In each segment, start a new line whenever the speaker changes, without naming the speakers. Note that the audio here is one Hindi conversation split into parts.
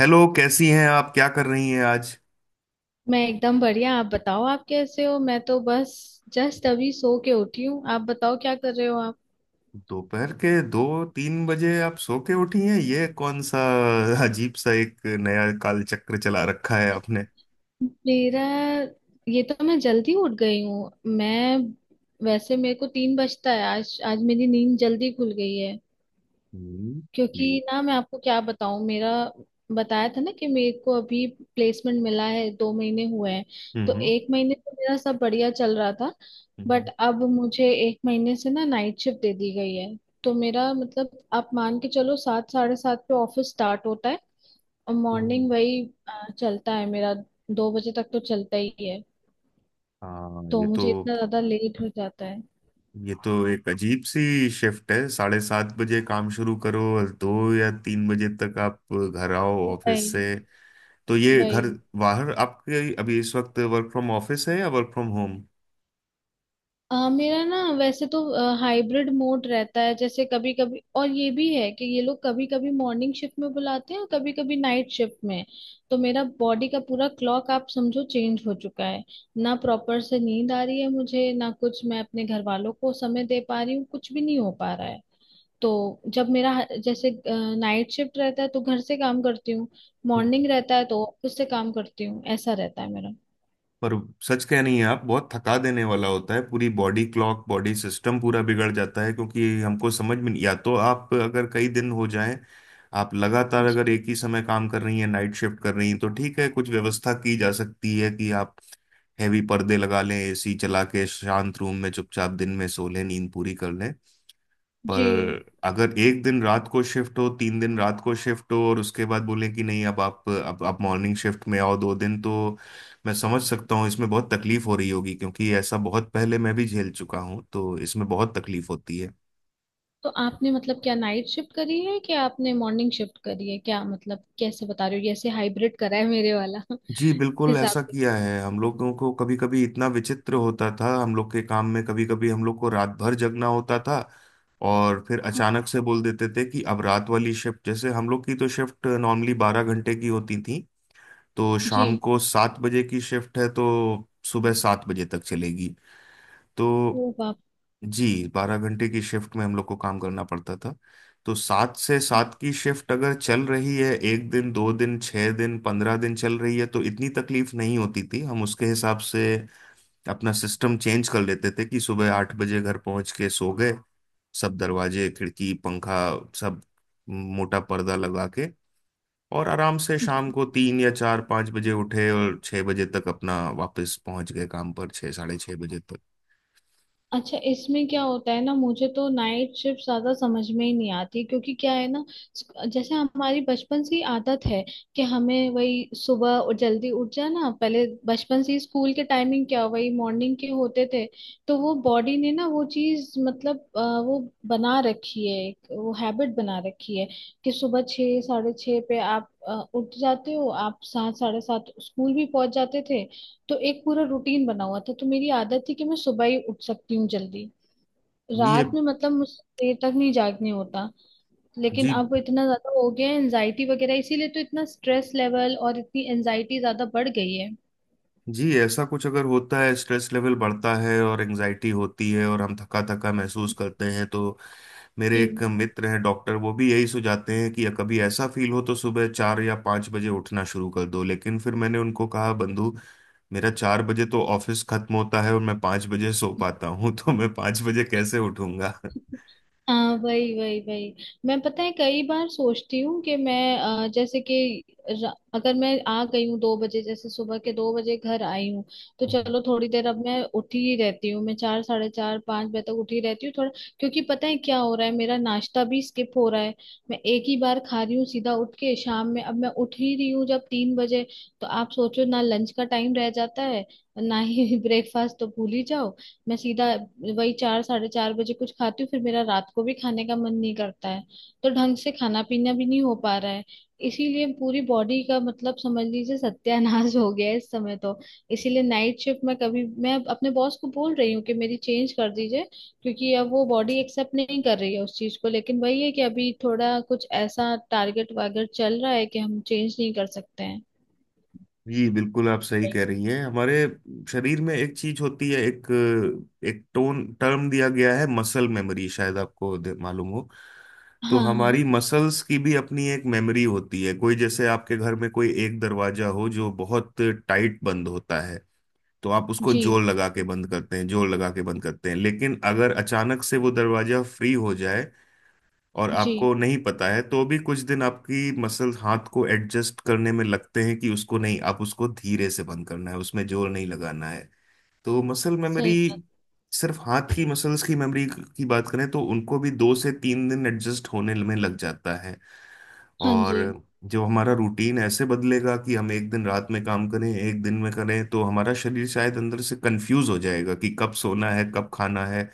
हेलो, कैसी हैं आप? क्या कर रही हैं आज
मैं एकदम बढ़िया। आप बताओ आप कैसे हो? मैं तो बस जस्ट अभी सो के उठी हूँ। आप बताओ क्या कर रहे हो आप?
दोपहर के 2-3 बजे आप सो के उठी हैं? ये कौन सा अजीब सा एक नया कालचक्र चला रखा है आपने।
मेरा ये तो मैं जल्दी उठ गई हूँ। मैं वैसे मेरे को 3 बजता है। आज आज मेरी नींद जल्दी खुल गई है।
हम्म। ये-
क्योंकि ना मैं आपको क्या बताऊं, मेरा बताया था ना कि मेरे को अभी प्लेसमेंट मिला है, 2 महीने हुए हैं। तो
हम्म।
एक महीने तो मेरा सब बढ़िया चल रहा था। बट
हम्म।
अब मुझे एक महीने से ना नाइट शिफ्ट दे दी गई है। तो मेरा मतलब आप मान के चलो सात साढ़े सात पे ऑफिस स्टार्ट होता है। और
ओ।
मॉर्निंग वही चलता है मेरा। 2 बजे तक तो चलता ही है।
हाँ,
तो
ये
मुझे
तो
इतना ज्यादा लेट हो जाता है।
ये तो एक अजीब सी शिफ्ट है, 7:30 बजे काम शुरू करो और 2 या 3 बजे तक आप घर आओ ऑफिस
वही
से। तो ये घर
वही।
बाहर आपके अभी इस वक्त वर्क फ्रॉम ऑफिस है या वर्क फ्रॉम होम?
मेरा ना वैसे तो हाइब्रिड मोड रहता है, जैसे कभी कभी। और ये भी है कि ये लोग कभी कभी मॉर्निंग शिफ्ट में बुलाते हैं और कभी कभी नाइट शिफ्ट में। तो मेरा बॉडी का पूरा क्लॉक आप समझो चेंज हो चुका है। ना प्रॉपर से नींद आ रही है मुझे, ना कुछ मैं अपने घर वालों को समय दे पा रही हूँ, कुछ भी नहीं हो पा रहा है। तो जब मेरा जैसे नाइट शिफ्ट रहता है तो घर से काम करती हूँ। मॉर्निंग रहता है तो ऑफिस से काम करती हूँ, ऐसा रहता है मेरा।
पर सच कह नहीं है आप, बहुत थका देने वाला होता है, पूरी बॉडी क्लॉक बॉडी सिस्टम पूरा बिगड़ जाता है, क्योंकि हमको समझ में नहीं। या तो आप अगर कई दिन हो जाए, आप लगातार अगर
जी
एक ही समय काम कर रही हैं, नाइट शिफ्ट कर रही हैं तो ठीक है, कुछ व्यवस्था की जा सकती है कि आप हैवी पर्दे लगा लें, एसी चला के शांत रूम में चुपचाप दिन में सो लें, नींद पूरी कर लें। पर
जी।
अगर एक दिन रात को शिफ्ट हो, तीन दिन रात को शिफ्ट हो, और उसके बाद बोले कि नहीं, अब आप मॉर्निंग शिफ्ट में आओ दो दिन, तो मैं समझ सकता हूँ इसमें बहुत तकलीफ हो रही होगी, क्योंकि ऐसा बहुत पहले मैं भी झेल चुका हूँ, तो इसमें बहुत तकलीफ होती है।
तो आपने मतलब क्या नाइट शिफ्ट करी है कि आपने मॉर्निंग शिफ्ट करी है? क्या मतलब कैसे बता रहे हो? जैसे हाइब्रिड करा है मेरे वाला
जी बिल्कुल
हिसाब
ऐसा
के साथ।
किया है। हम लोगों को कभी कभी इतना विचित्र होता था, हम लोग के काम में कभी कभी हम लोग को रात भर जगना होता था, और फिर अचानक से बोल देते थे कि अब रात वाली शिफ्ट, जैसे हम लोग की तो शिफ्ट नॉर्मली 12 घंटे की होती थी। तो
जी।
शाम को 7 बजे की शिफ्ट है तो सुबह 7 बजे तक चलेगी। तो
ओ।
जी, 12 घंटे की शिफ्ट में हम लोग को काम करना पड़ता था। तो सात से
बाप।
सात की शिफ्ट अगर चल रही है, एक दिन, दो दिन, 6 दिन, 15 दिन चल रही है तो इतनी तकलीफ नहीं होती थी। हम उसके हिसाब से अपना सिस्टम चेंज कर लेते थे कि सुबह 8 बजे घर पहुंच के सो गए, सब दरवाजे खिड़की पंखा, सब मोटा पर्दा लगा के, और आराम से शाम को 3 या 4-5 बजे उठे और 6 बजे तक अपना वापस पहुंच गए काम पर, 6-6:30 बजे तक।
अच्छा इसमें क्या होता है ना, मुझे तो नाइट शिफ्ट ज्यादा समझ में ही नहीं आती क्योंकि क्या है ना, जैसे हमारी बचपन से ही आदत है कि हमें वही सुबह और जल्दी उठ जाना। पहले बचपन से ही स्कूल के टाइमिंग क्या वही मॉर्निंग के होते थे। तो वो बॉडी ने ना वो चीज मतलब वो बना रखी है, एक वो हैबिट बना रखी है कि सुबह छः साढ़े छः पे आप उठ जाते हो, आप सात साढ़े सात स्कूल भी पहुंच जाते थे। तो एक पूरा रूटीन बना हुआ था, तो मेरी आदत थी कि मैं सुबह ही उठ सकती हूँ जल्दी।
जी। ये
रात में मतलब मुझसे देर तक नहीं जागने होता। लेकिन
जी,
अब इतना ज्यादा हो गया है एनजाइटी वगैरह, इसीलिए तो इतना स्ट्रेस लेवल और इतनी एनजाइटी ज्यादा बढ़ गई है।
जी, ऐसा कुछ अगर होता है, स्ट्रेस लेवल बढ़ता है और एंजाइटी होती है और हम थका थका महसूस करते हैं, तो मेरे एक
जी।
मित्र हैं डॉक्टर, वो भी यही सुझाते हैं कि कभी ऐसा फील हो तो सुबह 4 या 5 बजे उठना शुरू कर दो। लेकिन फिर मैंने उनको कहा बंधु, मेरा 4 बजे तो ऑफिस खत्म होता है और मैं 5 बजे सो पाता हूँ, तो मैं 5 बजे कैसे उठूंगा?
हाँ वही वही वही। मैं पता है कई बार सोचती हूँ कि मैं जैसे कि अगर मैं आ गई हूँ 2 बजे, जैसे सुबह के 2 बजे घर आई हूँ, तो चलो थोड़ी देर अब मैं उठी ही रहती हूँ। मैं चार साढ़े चार पाँच बजे तक उठी रहती हूँ थोड़ा। क्योंकि पता है क्या हो रहा है, मेरा नाश्ता भी स्किप हो रहा है। मैं एक ही बार खा रही हूँ सीधा उठ के शाम में। अब मैं उठ ही रही हूँ जब 3 बजे। तो आप सोचो ना लंच का टाइम रह जाता है, ना ही ब्रेकफास्ट, तो भूल ही जाओ। मैं सीधा वही चार साढ़े चार बजे कुछ खाती हूँ, फिर मेरा रात को भी खाने का मन नहीं करता है। तो ढंग से खाना पीना भी नहीं हो पा रहा है। इसीलिए पूरी बॉडी का मतलब समझ लीजिए सत्यानाश हो गया है इस समय तो। इसीलिए नाइट शिफ्ट में कभी मैं अपने बॉस को बोल रही हूँ कि मेरी चेंज कर दीजिए। क्योंकि अब वो बॉडी एक्सेप्ट नहीं कर रही है उस चीज को, लेकिन वही है कि अभी थोड़ा कुछ ऐसा टारगेट वागेट चल रहा है कि हम चेंज नहीं कर सकते हैं।
जी बिल्कुल, आप सही कह रही हैं। हमारे शरीर में एक चीज होती है, एक एक टोन टर्म दिया गया है मसल मेमोरी, शायद आपको मालूम हो।
हाँ
तो
हाँ।
हमारी मसल्स की भी अपनी एक मेमोरी होती है। कोई जैसे आपके घर में कोई एक दरवाजा हो जो बहुत टाइट बंद होता है, तो आप उसको
जी
जोर लगा के बंद करते हैं, जोर लगा के बंद करते हैं, लेकिन अगर अचानक से वो दरवाजा फ्री हो जाए और
जी
आपको नहीं पता है, तो भी कुछ दिन आपकी मसल हाथ को एडजस्ट करने में लगते हैं, कि उसको नहीं, आप उसको धीरे से बंद करना है, उसमें जोर नहीं लगाना है। तो मसल मेमोरी,
सही बात।
सिर्फ हाथ की मसल्स की मेमोरी की बात करें तो उनको भी 2 से 3 दिन एडजस्ट होने में लग जाता है।
हाँ
और
जी।
जो हमारा रूटीन ऐसे बदलेगा कि हम एक दिन रात में काम करें एक दिन में करें, तो हमारा शरीर शायद अंदर से कंफ्यूज हो जाएगा कि कब सोना है कब खाना है।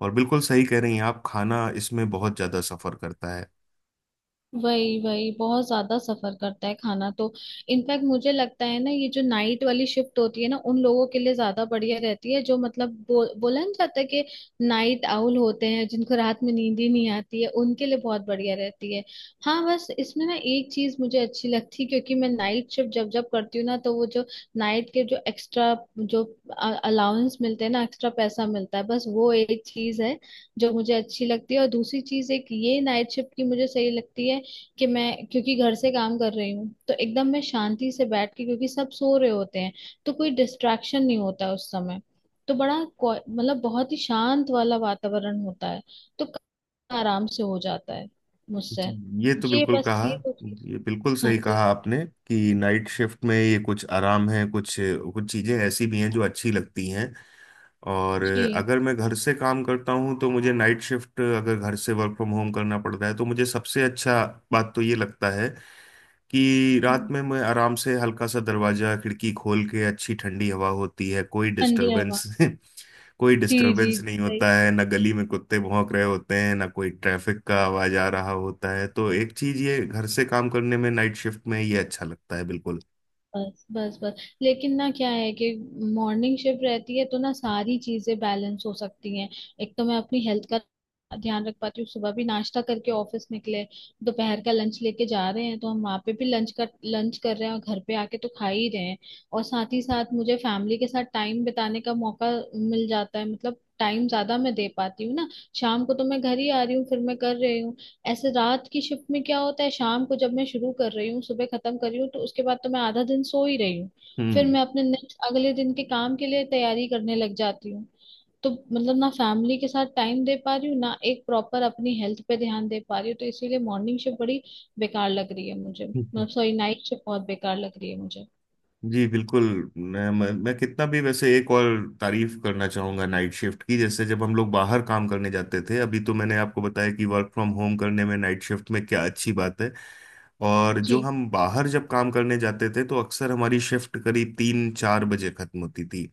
और बिल्कुल सही कह रही हैं आप, खाना इसमें बहुत ज्यादा सफर करता है।
वही वही बहुत ज्यादा सफर करता है खाना तो। इनफैक्ट मुझे लगता है ना, ये जो नाइट वाली शिफ्ट होती है ना, उन लोगों के लिए ज्यादा बढ़िया रहती है जो मतलब बोला नहीं जाता है कि नाइट आउल होते हैं, जिनको रात में नींद ही नहीं आती है, उनके लिए बहुत बढ़िया रहती है। हाँ बस इसमें ना एक चीज मुझे अच्छी लगती है, क्योंकि मैं नाइट शिफ्ट जब जब करती हूँ ना, तो वो जो नाइट के जो एक्स्ट्रा जो अलाउंस मिलते हैं ना, एक्स्ट्रा पैसा मिलता है, बस वो एक चीज है जो मुझे अच्छी लगती है। और दूसरी चीज एक ये नाइट शिफ्ट की मुझे सही लगती है कि मैं क्योंकि घर से काम कर रही हूँ तो एकदम मैं शांति से बैठ के, क्योंकि सब सो रहे होते हैं, तो कोई डिस्ट्रैक्शन नहीं होता उस समय। तो बड़ा मतलब बहुत ही शांत वाला वातावरण होता है, तो काम आराम से हो जाता है मुझसे।
जी, ये तो
ये
बिल्कुल
बस
कहा,
ये तो चीज़-।
ये बिल्कुल
हाँ
सही
जी।
कहा आपने, कि नाइट शिफ्ट में ये कुछ आराम है, कुछ कुछ चीज़ें ऐसी भी हैं जो अच्छी लगती हैं। और
जी।
अगर मैं घर से काम करता हूँ तो मुझे नाइट शिफ्ट, अगर घर से वर्क फ्रॉम होम करना पड़ता है तो मुझे सबसे अच्छा बात तो ये लगता है कि रात
हम्म।
में मैं आराम से हल्का सा दरवाज़ा खिड़की खोल के, अच्छी ठंडी हवा होती है, कोई
ठंडी हवा।
डिस्टरबेंस कोई
जी जी
डिस्टरबेंस नहीं
सही।
होता है, ना गली में कुत्ते भौंक रहे होते हैं, ना कोई ट्रैफिक का आवाज आ रहा होता है, तो एक चीज ये घर से काम करने में नाइट शिफ्ट में ये अच्छा लगता है बिल्कुल।
बस बस बस, लेकिन ना क्या है कि मॉर्निंग शिफ्ट रहती है तो ना सारी चीजें बैलेंस हो सकती हैं। एक तो मैं अपनी हेल्थ का ध्यान रख पाती हूँ, सुबह भी नाश्ता करके ऑफिस निकले, दोपहर का लंच लेके जा रहे हैं तो हम वहाँ पे भी लंच कर रहे हैं, और घर पे आके तो खा ही रहे हैं। और साथ ही साथ मुझे फैमिली के साथ टाइम बिताने का मौका मिल जाता है, मतलब टाइम ज्यादा मैं दे पाती हूँ ना। शाम को तो मैं घर ही आ रही हूँ, फिर मैं कर रही हूँ। ऐसे रात की शिफ्ट में क्या होता है, शाम को जब मैं शुरू कर रही हूँ, सुबह खत्म कर रही हूँ, तो उसके बाद तो मैं आधा दिन सो ही रही हूँ। फिर
हम्म।
मैं अपने नेक्स्ट अगले दिन के काम के लिए तैयारी करने लग जाती हूँ। तो मतलब ना फैमिली के साथ टाइम दे पा रही हूँ, ना एक प्रॉपर अपनी हेल्थ पे ध्यान दे पा रही हूँ, तो इसीलिए मॉर्निंग शिफ्ट बड़ी बेकार लग रही है मुझे, मतलब सॉरी नाइट शिफ्ट बहुत बेकार लग रही है मुझे।
जी बिल्कुल। मैं कितना भी वैसे एक और तारीफ करना चाहूंगा नाइट शिफ्ट की। जैसे जब हम लोग बाहर काम करने जाते थे, अभी तो मैंने आपको बताया कि वर्क फ्रॉम होम करने में नाइट शिफ्ट में क्या अच्छी बात है, और जो
जी।
हम बाहर जब काम करने जाते थे तो अक्सर हमारी शिफ्ट करीब 3-4 बजे खत्म होती थी।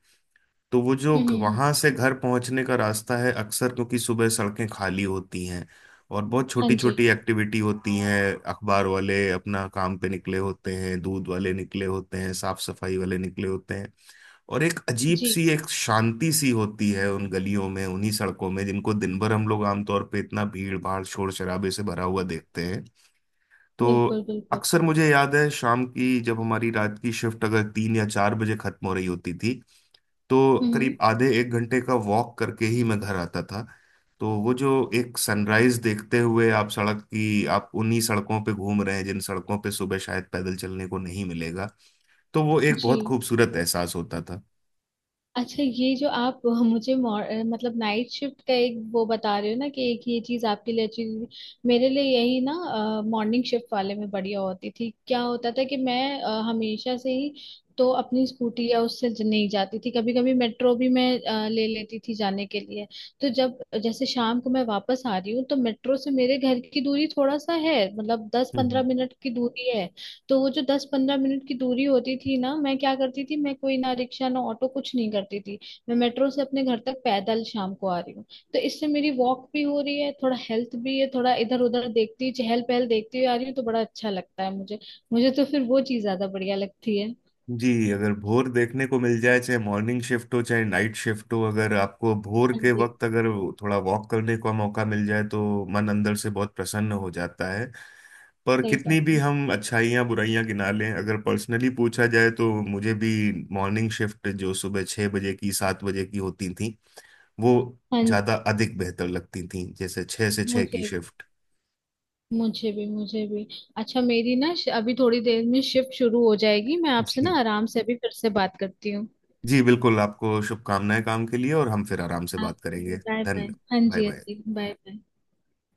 तो वो जो
हम्म हम्म हम्म।
वहां से घर पहुंचने का रास्ता है, अक्सर क्योंकि सुबह सड़कें खाली होती हैं और बहुत
हाँ
छोटी
जी।
छोटी एक्टिविटी होती हैं, अखबार वाले अपना काम पे निकले होते हैं, दूध वाले निकले होते हैं, साफ सफाई वाले निकले होते हैं, और एक अजीब
जी
सी एक शांति सी होती है उन गलियों में, उन्हीं सड़कों में जिनको दिन भर हम लोग आमतौर पे इतना भीड़ भाड़ शोर शराबे से भरा हुआ देखते हैं। तो
बिल्कुल बिल्कुल।
अक्सर मुझे याद है शाम की, जब हमारी रात की शिफ्ट अगर 3 या 4 बजे खत्म हो रही होती थी तो
हम्म।
करीब आधे एक घंटे का वॉक करके ही मैं घर आता था। तो वो जो एक सनराइज देखते हुए आप सड़क की, आप उन्हीं सड़कों पे घूम रहे हैं जिन सड़कों पे सुबह शायद पैदल चलने को नहीं मिलेगा, तो वो एक
जी।
बहुत खूबसूरत एहसास होता था।
अच्छा ये जो आप मुझे मतलब नाइट शिफ्ट का एक वो बता रहे हो ना कि एक ये चीज आपके लिए अच्छी थी। मेरे लिए यही ना मॉर्निंग शिफ्ट वाले में बढ़िया होती थी। क्या होता था कि मैं हमेशा से ही तो अपनी स्कूटी या उससे नहीं जाती थी। कभी कभी मेट्रो भी मैं ले लेती थी जाने के लिए। तो जब जैसे शाम को मैं वापस आ रही हूँ तो मेट्रो से मेरे घर की दूरी थोड़ा सा है, मतलब दस
हम्म।
पंद्रह मिनट की दूरी है। तो वो जो 10-15 मिनट की दूरी होती थी ना, मैं क्या करती थी, मैं कोई ना रिक्शा ना ऑटो कुछ नहीं करती थी। मैं मेट्रो से अपने घर तक पैदल शाम को आ रही हूँ। तो इससे मेरी वॉक भी हो रही है, थोड़ा हेल्थ भी है, थोड़ा इधर उधर देखती चहल पहल देखती हुई आ रही हूँ, तो बड़ा अच्छा लगता है मुझे। मुझे तो फिर वो चीज ज्यादा बढ़िया लगती है।
जी, अगर भोर देखने को मिल जाए, चाहे मॉर्निंग शिफ्ट हो चाहे नाइट शिफ्ट हो, अगर आपको भोर
हाँ
के
जी
वक्त अगर थोड़ा वॉक करने का मौका मिल जाए तो मन अंदर से बहुत प्रसन्न हो जाता है। पर
सही बात
कितनी भी
है।
हम अच्छाइयाँ बुराइयाँ गिना लें अगर पर्सनली पूछा जाए तो मुझे भी मॉर्निंग शिफ्ट जो सुबह 6 बजे की 7 बजे की होती थी, वो
हाँ जी।
ज़्यादा अधिक बेहतर लगती थी, जैसे 6 से 6 की
मुझे
शिफ्ट।
मुझे भी मुझे भी। अच्छा मेरी ना अभी थोड़ी देर में शिफ्ट शुरू हो जाएगी, मैं आपसे
जी।
ना आराम से अभी फिर से बात करती हूँ।
जी बिल्कुल, आपको शुभकामनाएं काम के लिए, और हम फिर आराम से
आप
बात करेंगे।
भी बाय बाय।
धन्यवाद।
हाँ
बाय
जी हाँ
बाय।
जी बाय बाय।